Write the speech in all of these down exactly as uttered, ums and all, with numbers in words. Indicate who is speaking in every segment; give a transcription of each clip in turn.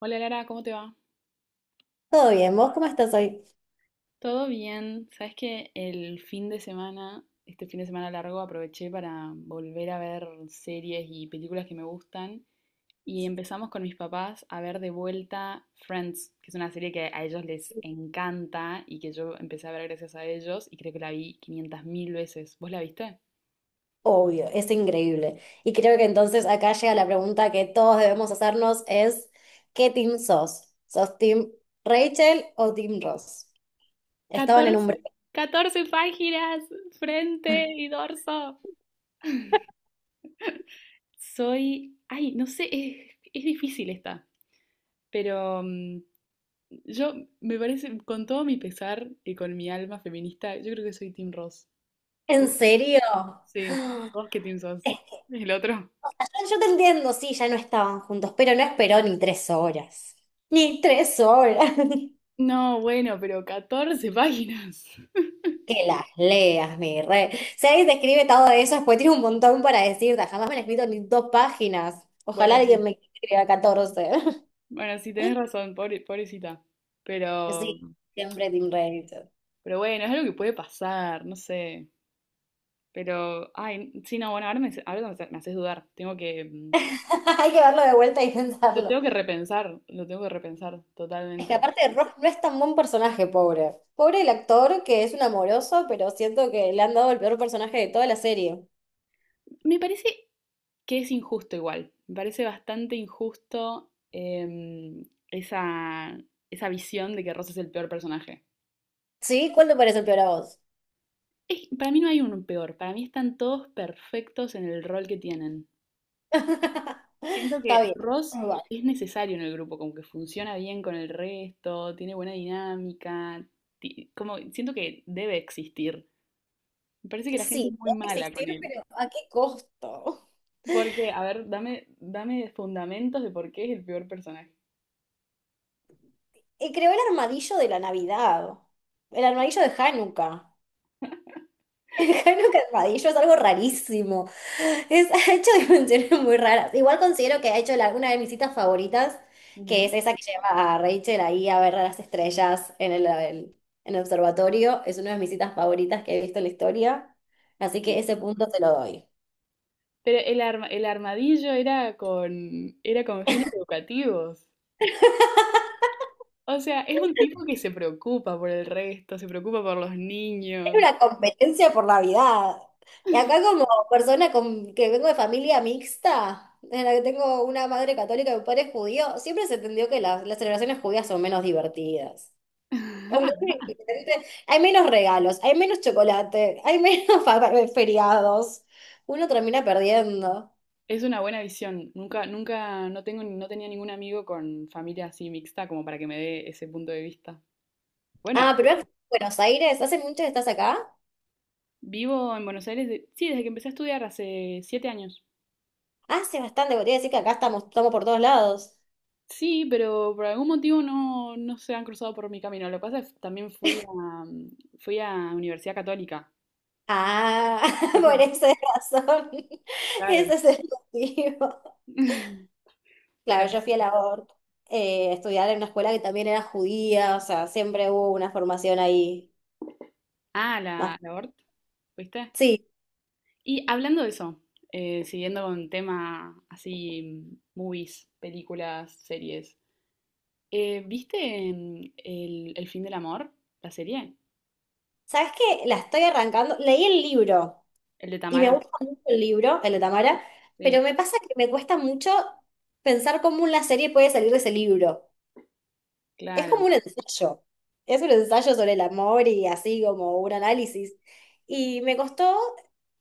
Speaker 1: Hola Lara, ¿cómo te va?
Speaker 2: Todo bien, ¿vos cómo estás hoy?
Speaker 1: Todo bien. Sabes que el fin de semana, este fin de semana largo, aproveché para volver a ver series y películas que me gustan. Y empezamos con mis papás a ver de vuelta Friends, que es una serie que a ellos les encanta y que yo empecé a ver gracias a ellos y creo que la vi quinientas mil veces. ¿Vos la viste?
Speaker 2: Obvio, es increíble. Y creo que entonces acá llega la pregunta que todos debemos hacernos es, ¿qué team sos? ¿Sos team Rachel o team Ross? Estaban en un break.
Speaker 1: Catorce, catorce páginas, frente y dorso. Soy, ay, no sé, es, es difícil esta, pero mm, Yo, me parece, con todo mi pesar y con mi alma feminista, yo creo que soy Team Ross.
Speaker 2: ¿En
Speaker 1: ¿Vos?
Speaker 2: serio?
Speaker 1: Sí, ¿vos qué team sos?
Speaker 2: Es-
Speaker 1: ¿El otro?
Speaker 2: o sea, Yo yo te entiendo, sí, ya no estaban juntos, pero no esperó ni tres horas. Ni tres horas.
Speaker 1: No, bueno, pero catorce páginas.
Speaker 2: Que las leas, mi rey. Si alguien te escribe todo eso, después tiene un montón para decirte. Jamás me han escrito ni dos páginas. Ojalá
Speaker 1: Bueno,
Speaker 2: alguien
Speaker 1: sí.
Speaker 2: me escriba catorce.
Speaker 1: Bueno, sí, tenés razón, pobre- pobrecita. Pero,
Speaker 2: Sí, siempre Team Reddington.
Speaker 1: pero bueno, es algo que puede pasar, no sé. Pero, ay, sí, no, bueno, ahora me, ahora me me haces dudar. Tengo que, mm,
Speaker 2: Hay que verlo de vuelta y
Speaker 1: lo
Speaker 2: pensarlo.
Speaker 1: tengo que repensar, lo tengo que repensar
Speaker 2: Es que
Speaker 1: totalmente.
Speaker 2: aparte Ross no es tan buen personaje, pobre. Pobre el actor, que es un amoroso, pero siento que le han dado el peor personaje de toda la serie.
Speaker 1: Me parece que es injusto igual. Me parece bastante injusto em, esa, esa visión de que Ross es el peor personaje.
Speaker 2: ¿Sí? ¿Cuál te parece el peor a vos?
Speaker 1: Es- para mí no hay un peor, para mí están todos perfectos en el rol que tienen. Siento
Speaker 2: Está
Speaker 1: que
Speaker 2: bien.
Speaker 1: Ross
Speaker 2: Bueno,
Speaker 1: es necesario en el grupo, como que funciona bien con el resto, tiene buena dinámica, ti- como siento que debe existir. Me parece que la gente es
Speaker 2: sí,
Speaker 1: muy
Speaker 2: puede
Speaker 1: mala con
Speaker 2: existir,
Speaker 1: él.
Speaker 2: pero ¿a qué costo?
Speaker 1: Porque, a ver, dame, dame fundamentos de por qué es el peor personaje.
Speaker 2: Y creó el armadillo de la Navidad. El armadillo de Hanukkah. Jano Carpadillo es algo rarísimo. Es, ha hecho dimensiones muy raras. Igual considero que ha hecho la- una de mis citas favoritas, que
Speaker 1: Ujú.
Speaker 2: es esa que lleva a Rachel ahí a ver a las estrellas en el, el- en el observatorio. Es una de mis citas favoritas que he visto en la historia. Así que
Speaker 1: Sí.
Speaker 2: ese punto te lo doy.
Speaker 1: Pero el arma- el armadillo era con, era con, fines educativos. O sea, es un tipo que se preocupa por el resto, se preocupa por los
Speaker 2: Era
Speaker 1: niños.
Speaker 2: una competencia por Navidad. Y acá como persona con- que vengo de familia mixta, en la que tengo una madre católica y un padre judío, siempre se entendió que las las celebraciones judías son menos divertidas. Aunque sí, ¿viste?, hay menos regalos, hay menos chocolate, hay menos fa- feriados. Uno termina perdiendo.
Speaker 1: Es una buena visión. Nunca, nunca, no tengo, no tenía ningún amigo con familia así mixta como para que me dé ese punto de vista. Bueno,
Speaker 2: Ah, pero es Buenos Aires, ¿hace mucho que estás acá?
Speaker 1: vivo en Buenos Aires, de- sí, desde que empecé a estudiar hace siete años.
Speaker 2: Hace bastante, podría decir que acá estamos, estamos por todos lados.
Speaker 1: Sí, pero por algún motivo no, no se han cruzado por mi camino. Lo que pasa es que también fui a, fui a Universidad Católica.
Speaker 2: Ah, por
Speaker 1: Entonces,
Speaker 2: esa razón.
Speaker 1: claro.
Speaker 2: Ese es el motivo.
Speaker 1: Pero
Speaker 2: Claro, yo
Speaker 1: sí.
Speaker 2: fui a la O R T, eh, a estudiar en una escuela que también era judía, o sea, siempre hubo una formación ahí.
Speaker 1: Ah,
Speaker 2: Más.
Speaker 1: la, la Hort, ¿viste?
Speaker 2: Sí,
Speaker 1: Y hablando de eso, eh, siguiendo con tema así, movies, películas, series, eh, ¿viste mm, el, el fin del amor? La serie,
Speaker 2: ¿sabes qué? La estoy arrancando. Leí el libro.
Speaker 1: el de
Speaker 2: Y me
Speaker 1: Tamara,
Speaker 2: gusta mucho el libro, el de Tamara,
Speaker 1: sí,
Speaker 2: pero me pasa que me cuesta mucho pensar cómo una serie puede salir de ese libro. Es
Speaker 1: claro.
Speaker 2: como un ensayo. Es un ensayo sobre el amor y así como un análisis. Y me costó,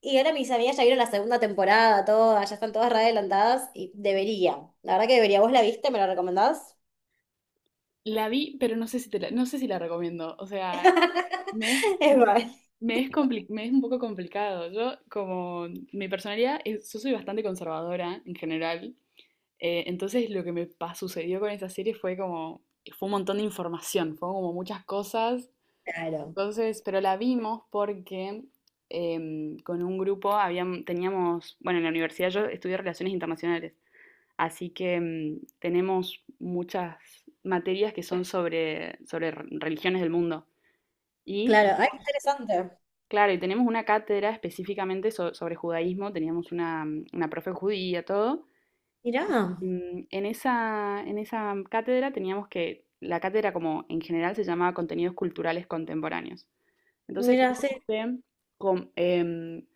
Speaker 2: y ahora mis amigas ya vieron la segunda temporada, todas, ya están todas re adelantadas y deberían. La verdad que debería. ¿Vos la viste? ¿Me la recomendás?
Speaker 1: La vi, pero no sé si te la, no sé si la recomiendo. O sea, me es,
Speaker 2: Es verdad.
Speaker 1: me es, compli- me es un poco complicado. Yo, como mi personalidad, es- yo soy bastante conservadora en general. Eh, entonces lo que me pa- sucedió con esa serie fue como, fue un montón de información, fue como muchas cosas.
Speaker 2: Claro,
Speaker 1: Entonces, pero la vimos porque em, con un grupo habíam- teníamos, bueno, en la universidad yo estudié relaciones internacionales, así que em, tenemos muchas materias que son sobre, sobre re- religiones del mundo. Y, te-
Speaker 2: claro. Ay, qué interesante.
Speaker 1: claro, y tenemos una cátedra específicamente so- sobre judaísmo, teníamos una, mm, una profe judía, todo.
Speaker 2: Mirá,
Speaker 1: Mm, En esa, en esa cátedra teníamos que, la cátedra como en general se llamaba Contenidos Culturales Contemporáneos. Entonces
Speaker 2: mirá, sí.
Speaker 1: teníamos que com- em,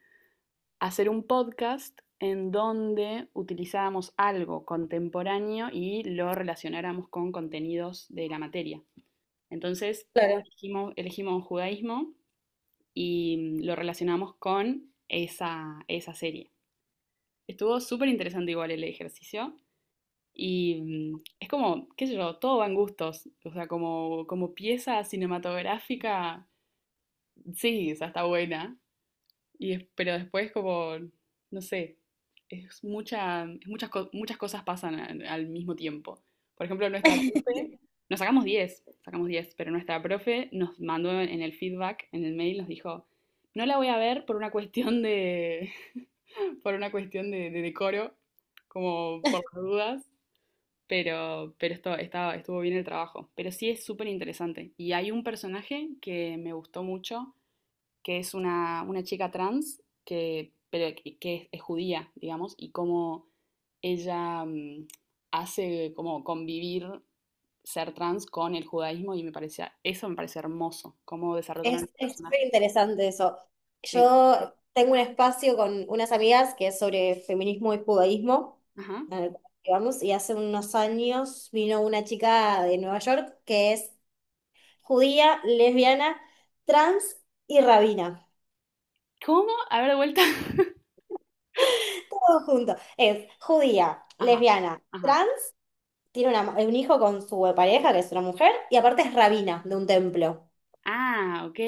Speaker 1: hacer un podcast en donde utilizábamos algo contemporáneo y lo relacionáramos con contenidos de la materia. Entonces
Speaker 2: Claro.
Speaker 1: elegimos, elegimos judaísmo y mm, lo relacionamos con esa, esa serie. Estuvo súper interesante igual el ejercicio. Y mm, es como, qué sé yo, todo va en gustos. O sea, como, como pieza cinematográfica, sí, o sea, está buena. Y es- pero después como, no sé, es mucha, es muchas, co- muchas cosas pasan al, al mismo tiempo. Por ejemplo, nuestra profe, nos sacamos diez sacamos diez pero nuestra profe nos mandó en el feedback, en el mail, nos dijo, no la voy a ver por una cuestión de, por una cuestión de, de decoro, como por las dudas. Pero, pero esto, estaba, estuvo bien el trabajo. Pero sí es súper interesante. Y hay un personaje que me gustó mucho, que es una, una chica trans, que, pero, que que es, es judía, digamos, y cómo ella mm, hace como convivir ser trans con el judaísmo y me parecía, eso me parece hermoso, cómo desarrollaron
Speaker 2: Es,
Speaker 1: este
Speaker 2: es súper
Speaker 1: personaje.
Speaker 2: interesante eso.
Speaker 1: Sí.
Speaker 2: Yo tengo un espacio con unas amigas que es sobre feminismo y judaísmo,
Speaker 1: Ajá.
Speaker 2: en el cual vamos, y hace unos años vino una chica de Nueva York que es judía, lesbiana, trans y rabina.
Speaker 1: ¿Cómo? A ver, de vuelta.
Speaker 2: Todo junto. Es judía,
Speaker 1: Ajá,
Speaker 2: lesbiana,
Speaker 1: ajá.
Speaker 2: trans, tiene una- un hijo con su pareja, que es una mujer, y aparte es rabina de un templo,
Speaker 1: Ah, ok.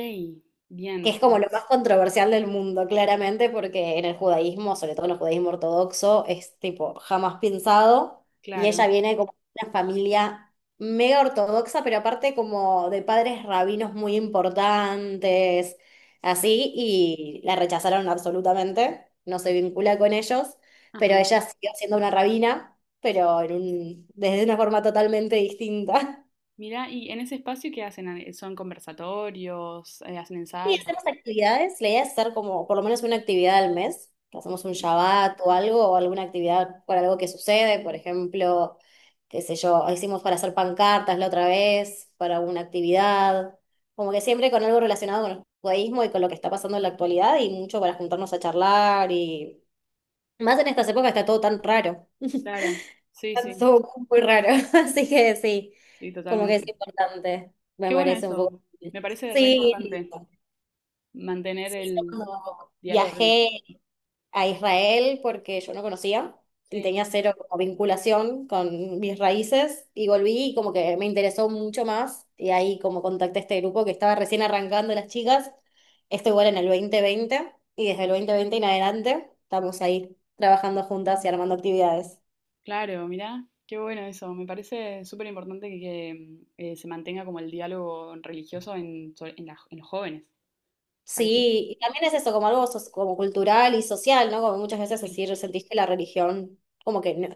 Speaker 2: que
Speaker 1: Bien,
Speaker 2: es como lo más controversial del mundo, claramente, porque en el judaísmo, sobre todo en el judaísmo ortodoxo, es tipo jamás pensado, y ella
Speaker 1: claro.
Speaker 2: viene como de una familia mega ortodoxa, pero aparte como de padres rabinos muy importantes, así, y la rechazaron absolutamente, no se vincula con ellos, pero
Speaker 1: Ajá.
Speaker 2: ella siguió siendo una rabina, pero en un- desde una forma totalmente distinta.
Speaker 1: Mira, y en ese espacio, ¿qué hacen? Ah, ¿son conversatorios? eh, ¿Hacen
Speaker 2: Sí,
Speaker 1: ensayos?
Speaker 2: hacer las actividades. La idea es hacer como por lo menos una actividad al mes. Hacemos un
Speaker 1: Sí,
Speaker 2: Shabbat o algo, o alguna actividad por algo que sucede. Por ejemplo, qué sé yo, hicimos para hacer pancartas la otra vez, para una actividad. Como que siempre con algo relacionado con el judaísmo y con lo que está pasando en la actualidad y mucho para juntarnos a charlar y... Más en estas épocas está todo tan raro.
Speaker 1: claro, sí,
Speaker 2: Está
Speaker 1: sí,
Speaker 2: todo muy raro. Así que sí,
Speaker 1: sí,
Speaker 2: como que es
Speaker 1: totalmente.
Speaker 2: importante. Me
Speaker 1: Qué bueno
Speaker 2: parece un poco.
Speaker 1: eso. Me parece re
Speaker 2: Sí,
Speaker 1: importante mantener
Speaker 2: sí, yo
Speaker 1: el
Speaker 2: cuando
Speaker 1: diálogo religioso.
Speaker 2: viajé a Israel porque yo no conocía y
Speaker 1: Sí,
Speaker 2: tenía cero como vinculación con mis raíces y volví y como que me interesó mucho más y ahí como contacté a este grupo que estaba recién arrancando las chicas, esto igual en el dos mil veinte y desde el dos mil veinte en adelante estamos ahí trabajando juntas y armando actividades.
Speaker 1: claro, mira, qué bueno eso. Me parece súper importante que, que, mm, eh, se mantenga como el diálogo religioso en, so- en la- en los jóvenes. Parece que
Speaker 2: Sí, y también es eso, como algo so- como cultural y social, ¿no? Como muchas veces
Speaker 1: sí.
Speaker 2: decir, sentís que la religión, como que no-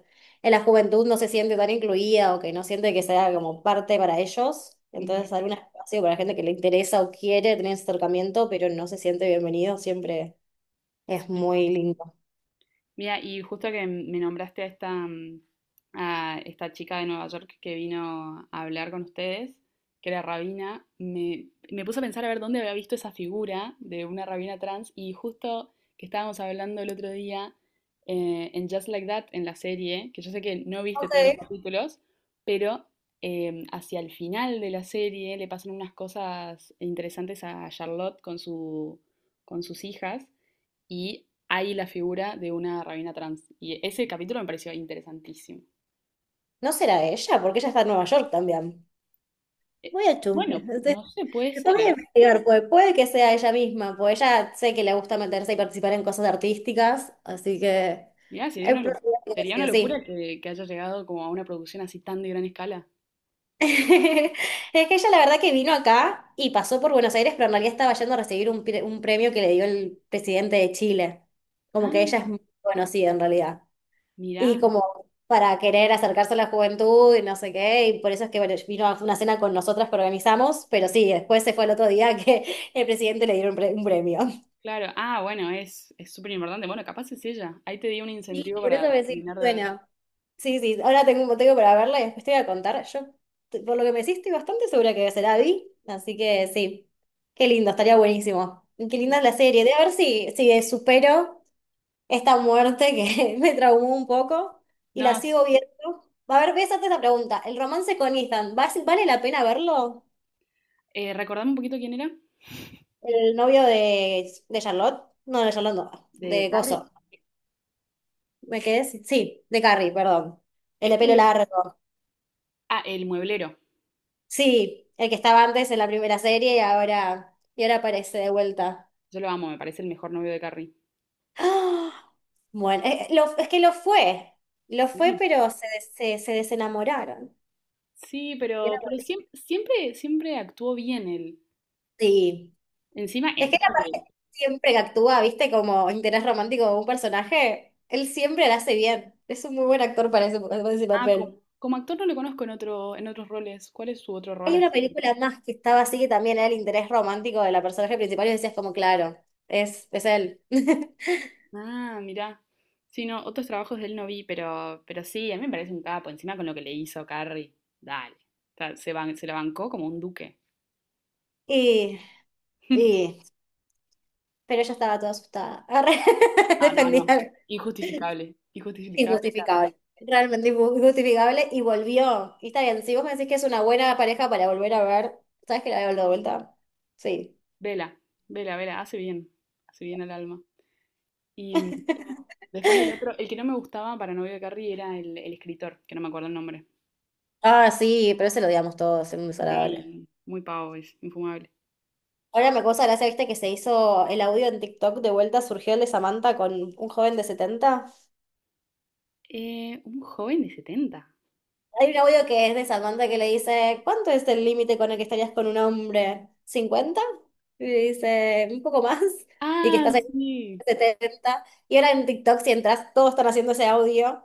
Speaker 2: en la juventud no se siente tan incluida o que no siente que sea como parte para ellos.
Speaker 1: Ujú,
Speaker 2: Entonces, algún espacio para la gente que le interesa o quiere tener ese acercamiento, pero no se siente bienvenido, siempre es
Speaker 1: sí.
Speaker 2: muy lindo.
Speaker 1: Mira, y justo que me nombraste a esta, mm, a esta chica de Nueva York que vino a hablar con ustedes, que era rabina, me, me puse a pensar a ver dónde había visto esa figura de una rabina trans y justo que estábamos hablando el otro día eh, en Just Like That, en la serie, que yo sé que no viste
Speaker 2: Ok.
Speaker 1: todos los capítulos, pero em, hacia el final de la serie le pasan unas cosas interesantes a Charlotte con su, con sus hijas y hay la figura de una rabina trans. Y ese capítulo me pareció interesantísimo.
Speaker 2: ¿No será ella? Porque ella está en Nueva York también.
Speaker 1: Eh,
Speaker 2: Voy a chusmear.
Speaker 1: Bueno, no sé, puede
Speaker 2: Que tengo
Speaker 1: ser,
Speaker 2: que
Speaker 1: ¿eh?
Speaker 2: investigar, pues puede que sea ella misma, pues ella sé que le gusta meterse y participar en cosas artísticas, así que
Speaker 1: Mirá, sería
Speaker 2: es
Speaker 1: una,
Speaker 2: probable
Speaker 1: lo-
Speaker 2: que
Speaker 1: sería
Speaker 2: sí,
Speaker 1: una
Speaker 2: o
Speaker 1: locura
Speaker 2: sí.
Speaker 1: que, que haya llegado como a una producción así tan de gran escala.
Speaker 2: Es que ella la verdad que vino acá y pasó por Buenos Aires, pero en realidad estaba yendo a recibir un, pre- un premio que le dio el presidente de Chile. Como que ella
Speaker 1: Ah,
Speaker 2: es muy conocida en realidad.
Speaker 1: mirá,
Speaker 2: Y como para querer acercarse a la juventud y no sé qué, y por eso es que bueno, vino a una cena con nosotras que organizamos, pero sí, después se fue el otro día que el presidente le dieron un pre- un premio.
Speaker 1: claro. Ah, bueno, es es súper importante. Bueno, capaz es ella. Ahí te di un
Speaker 2: Sí,
Speaker 1: incentivo
Speaker 2: por eso
Speaker 1: para
Speaker 2: me decís,
Speaker 1: terminar de ver.
Speaker 2: suena. Sí, sí, ahora tengo un motivo para verla y después te voy a contar. Yo, t- por lo que me decís, estoy bastante segura que será vi, así que sí. Qué lindo, estaría buenísimo. Y qué linda es la serie. De a ver si, si supero esta muerte que me traumó un poco y la
Speaker 1: No,
Speaker 2: sigo viendo. A ver, voy a hacerte la pregunta. ¿El romance con Ethan, ¿vas- vale la pena verlo?
Speaker 1: eh, recordame un poquito quién era.
Speaker 2: El novio de, de Charlotte. No, de Charlotte no,
Speaker 1: De
Speaker 2: de Gozo.
Speaker 1: Carrie.
Speaker 2: ¿Me quedé? sin- Sí, de Carrie, perdón. El de
Speaker 1: Este
Speaker 2: pelo
Speaker 1: es el,
Speaker 2: largo.
Speaker 1: ah, el mueblero.
Speaker 2: Sí, el que estaba antes en la primera serie y ahora, y ahora aparece de vuelta.
Speaker 1: Yo lo amo, me parece el mejor novio de Carrie.
Speaker 2: ¡Ah! Bueno, eh, eh, lo- es que lo fue, lo fue,
Speaker 1: Sí.
Speaker 2: pero se, des- se, se desenamoraron.
Speaker 1: Sí,
Speaker 2: Y era
Speaker 1: pero, pero
Speaker 2: bueno.
Speaker 1: siempre, siempre, siempre actuó bien él.
Speaker 2: Sí,
Speaker 1: Encima,
Speaker 2: es que la
Speaker 1: encima
Speaker 2: pareja
Speaker 1: que-
Speaker 2: siempre que actúa, viste, como interés romántico de un personaje, él siempre la hace bien. Es un muy buen actor para ese, para ese
Speaker 1: Ah, como,
Speaker 2: papel.
Speaker 1: como actor no lo conozco en otro, en otros roles. ¿Cuál es su otro rol
Speaker 2: Hay una
Speaker 1: así?
Speaker 2: película más que estaba así que también era el interés romántico de la personaje principal y decías como, claro, es, es él.
Speaker 1: Ah, mirá. Sí, no, otros trabajos de él no vi, pero, pero sí, a mí me parece un capo. Encima con lo que le hizo Carrie. Dale. O sea, se, ban- se la bancó como un duque.
Speaker 2: Y, y pero ella estaba toda asustada. Agarré,
Speaker 1: No, no,
Speaker 2: defendí
Speaker 1: no. Injustificable. Injustificable, Carrie.
Speaker 2: injustificable, realmente injustificable, y volvió. Y está bien, si vos me decís que es una buena pareja para volver a ver, ¿sabes que la veo de vuelta? Sí.
Speaker 1: Vela, vela, vela. Hace bien. Hace bien al alma, y después el otro, el que no me gustaba para novio de Carrie era el, el escritor, que no me acuerdo el nombre.
Speaker 2: Ah, sí, pero ese lo odiamos todos, es muy desagradable.
Speaker 1: Sí, muy pavo, es infumable.
Speaker 2: Ahora me causa gracia, viste, que se hizo el audio en TikTok de vuelta, surgió el de Samantha con un joven de setenta.
Speaker 1: Eh, un joven de setenta.
Speaker 2: Hay un audio que es de Samantha que le dice, ¿cuánto es el límite con el que estarías con un hombre? Cincuenta. Y le dice, un poco más. Y que
Speaker 1: Ah,
Speaker 2: estás en
Speaker 1: sí.
Speaker 2: setenta. Y ahora en TikTok, si entras, todos están haciendo ese audio.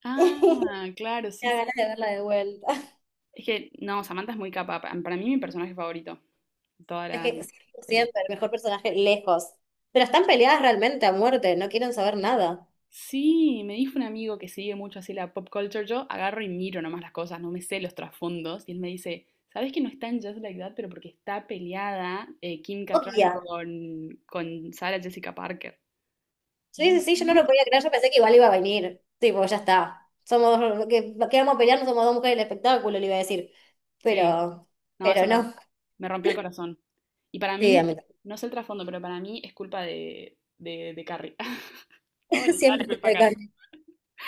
Speaker 2: Me
Speaker 1: Ah, claro, sí,
Speaker 2: da
Speaker 1: sí.
Speaker 2: ganas de
Speaker 1: Sí.
Speaker 2: verla de vuelta.
Speaker 1: Es que, no, Samantha es muy capa. pa- Para mí mi personaje favorito de toda
Speaker 2: Es que
Speaker 1: la
Speaker 2: cien por ciento,
Speaker 1: serie.
Speaker 2: el mejor personaje lejos. Pero están peleadas realmente a muerte, no quieren saber nada.
Speaker 1: Sí, me dijo un amigo que sigue mucho así la pop culture. Yo agarro y miro nomás las cosas, no me sé los trasfondos. Y él me dice, ¿sabes que no está en Just Like That? Pero porque está peleada eh, Kim Cattrall
Speaker 2: Odia
Speaker 1: con, con Sarah Jessica Parker. Y yo,
Speaker 2: Sí, sí, sí, yo no lo
Speaker 1: ¿no?
Speaker 2: podía creer, yo pensé que igual iba a venir. Tipo, ya está. Somos dos, que, que vamos a pelear, no somos dos mujeres del espectáculo, le iba a decir.
Speaker 1: Sí,
Speaker 2: Pero,
Speaker 1: no, eso
Speaker 2: pero
Speaker 1: me,
Speaker 2: no.
Speaker 1: me rompió el corazón. Y para
Speaker 2: Sí, a
Speaker 1: mí,
Speaker 2: mí también.
Speaker 1: no sé el trasfondo, pero para mí es culpa de, de, de Carrie. Todo le
Speaker 2: Siempre
Speaker 1: toda
Speaker 2: escucho
Speaker 1: culpa a
Speaker 2: de
Speaker 1: Carrie.
Speaker 2: Carmen.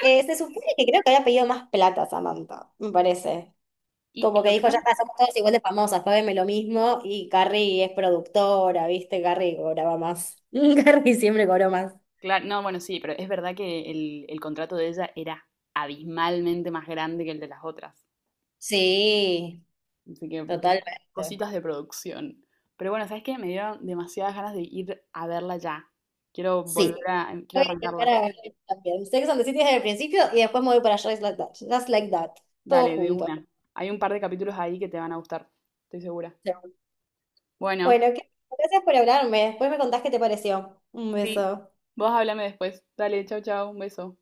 Speaker 2: Eh, se supone que creo que había pedido más plata Samantha, me parece.
Speaker 1: Y
Speaker 2: Como que
Speaker 1: lo que
Speaker 2: dijo, ya
Speaker 1: pasa,
Speaker 2: está, somos todas igual de famosas, págame lo mismo. Y Carrie es productora, ¿viste? Carrie cobraba más. Carrie siempre cobró más.
Speaker 1: claro, no, bueno, sí, pero es verdad que el, el contrato de ella era abismalmente más grande que el de las otras.
Speaker 2: Sí,
Speaker 1: Así que
Speaker 2: totalmente.
Speaker 1: cositas de producción. Pero bueno, ¿sabes qué? Me dieron demasiadas ganas de ir a verla ya. Quiero volver
Speaker 2: Sí.
Speaker 1: a, em, Quiero
Speaker 2: Voy a intentar
Speaker 1: arrancarla.
Speaker 2: a también. Sex and the City desde el principio y después me voy para Just Like That. Just Like That. Todo
Speaker 1: Dale, de
Speaker 2: junto.
Speaker 1: una. Hay un par de capítulos ahí que te van a gustar, estoy segura. Bueno,
Speaker 2: Bueno, que- gracias por hablarme. Después me contás qué te pareció. Un
Speaker 1: sí,
Speaker 2: beso.
Speaker 1: vos háblame después. Dale, chau, chau, un beso.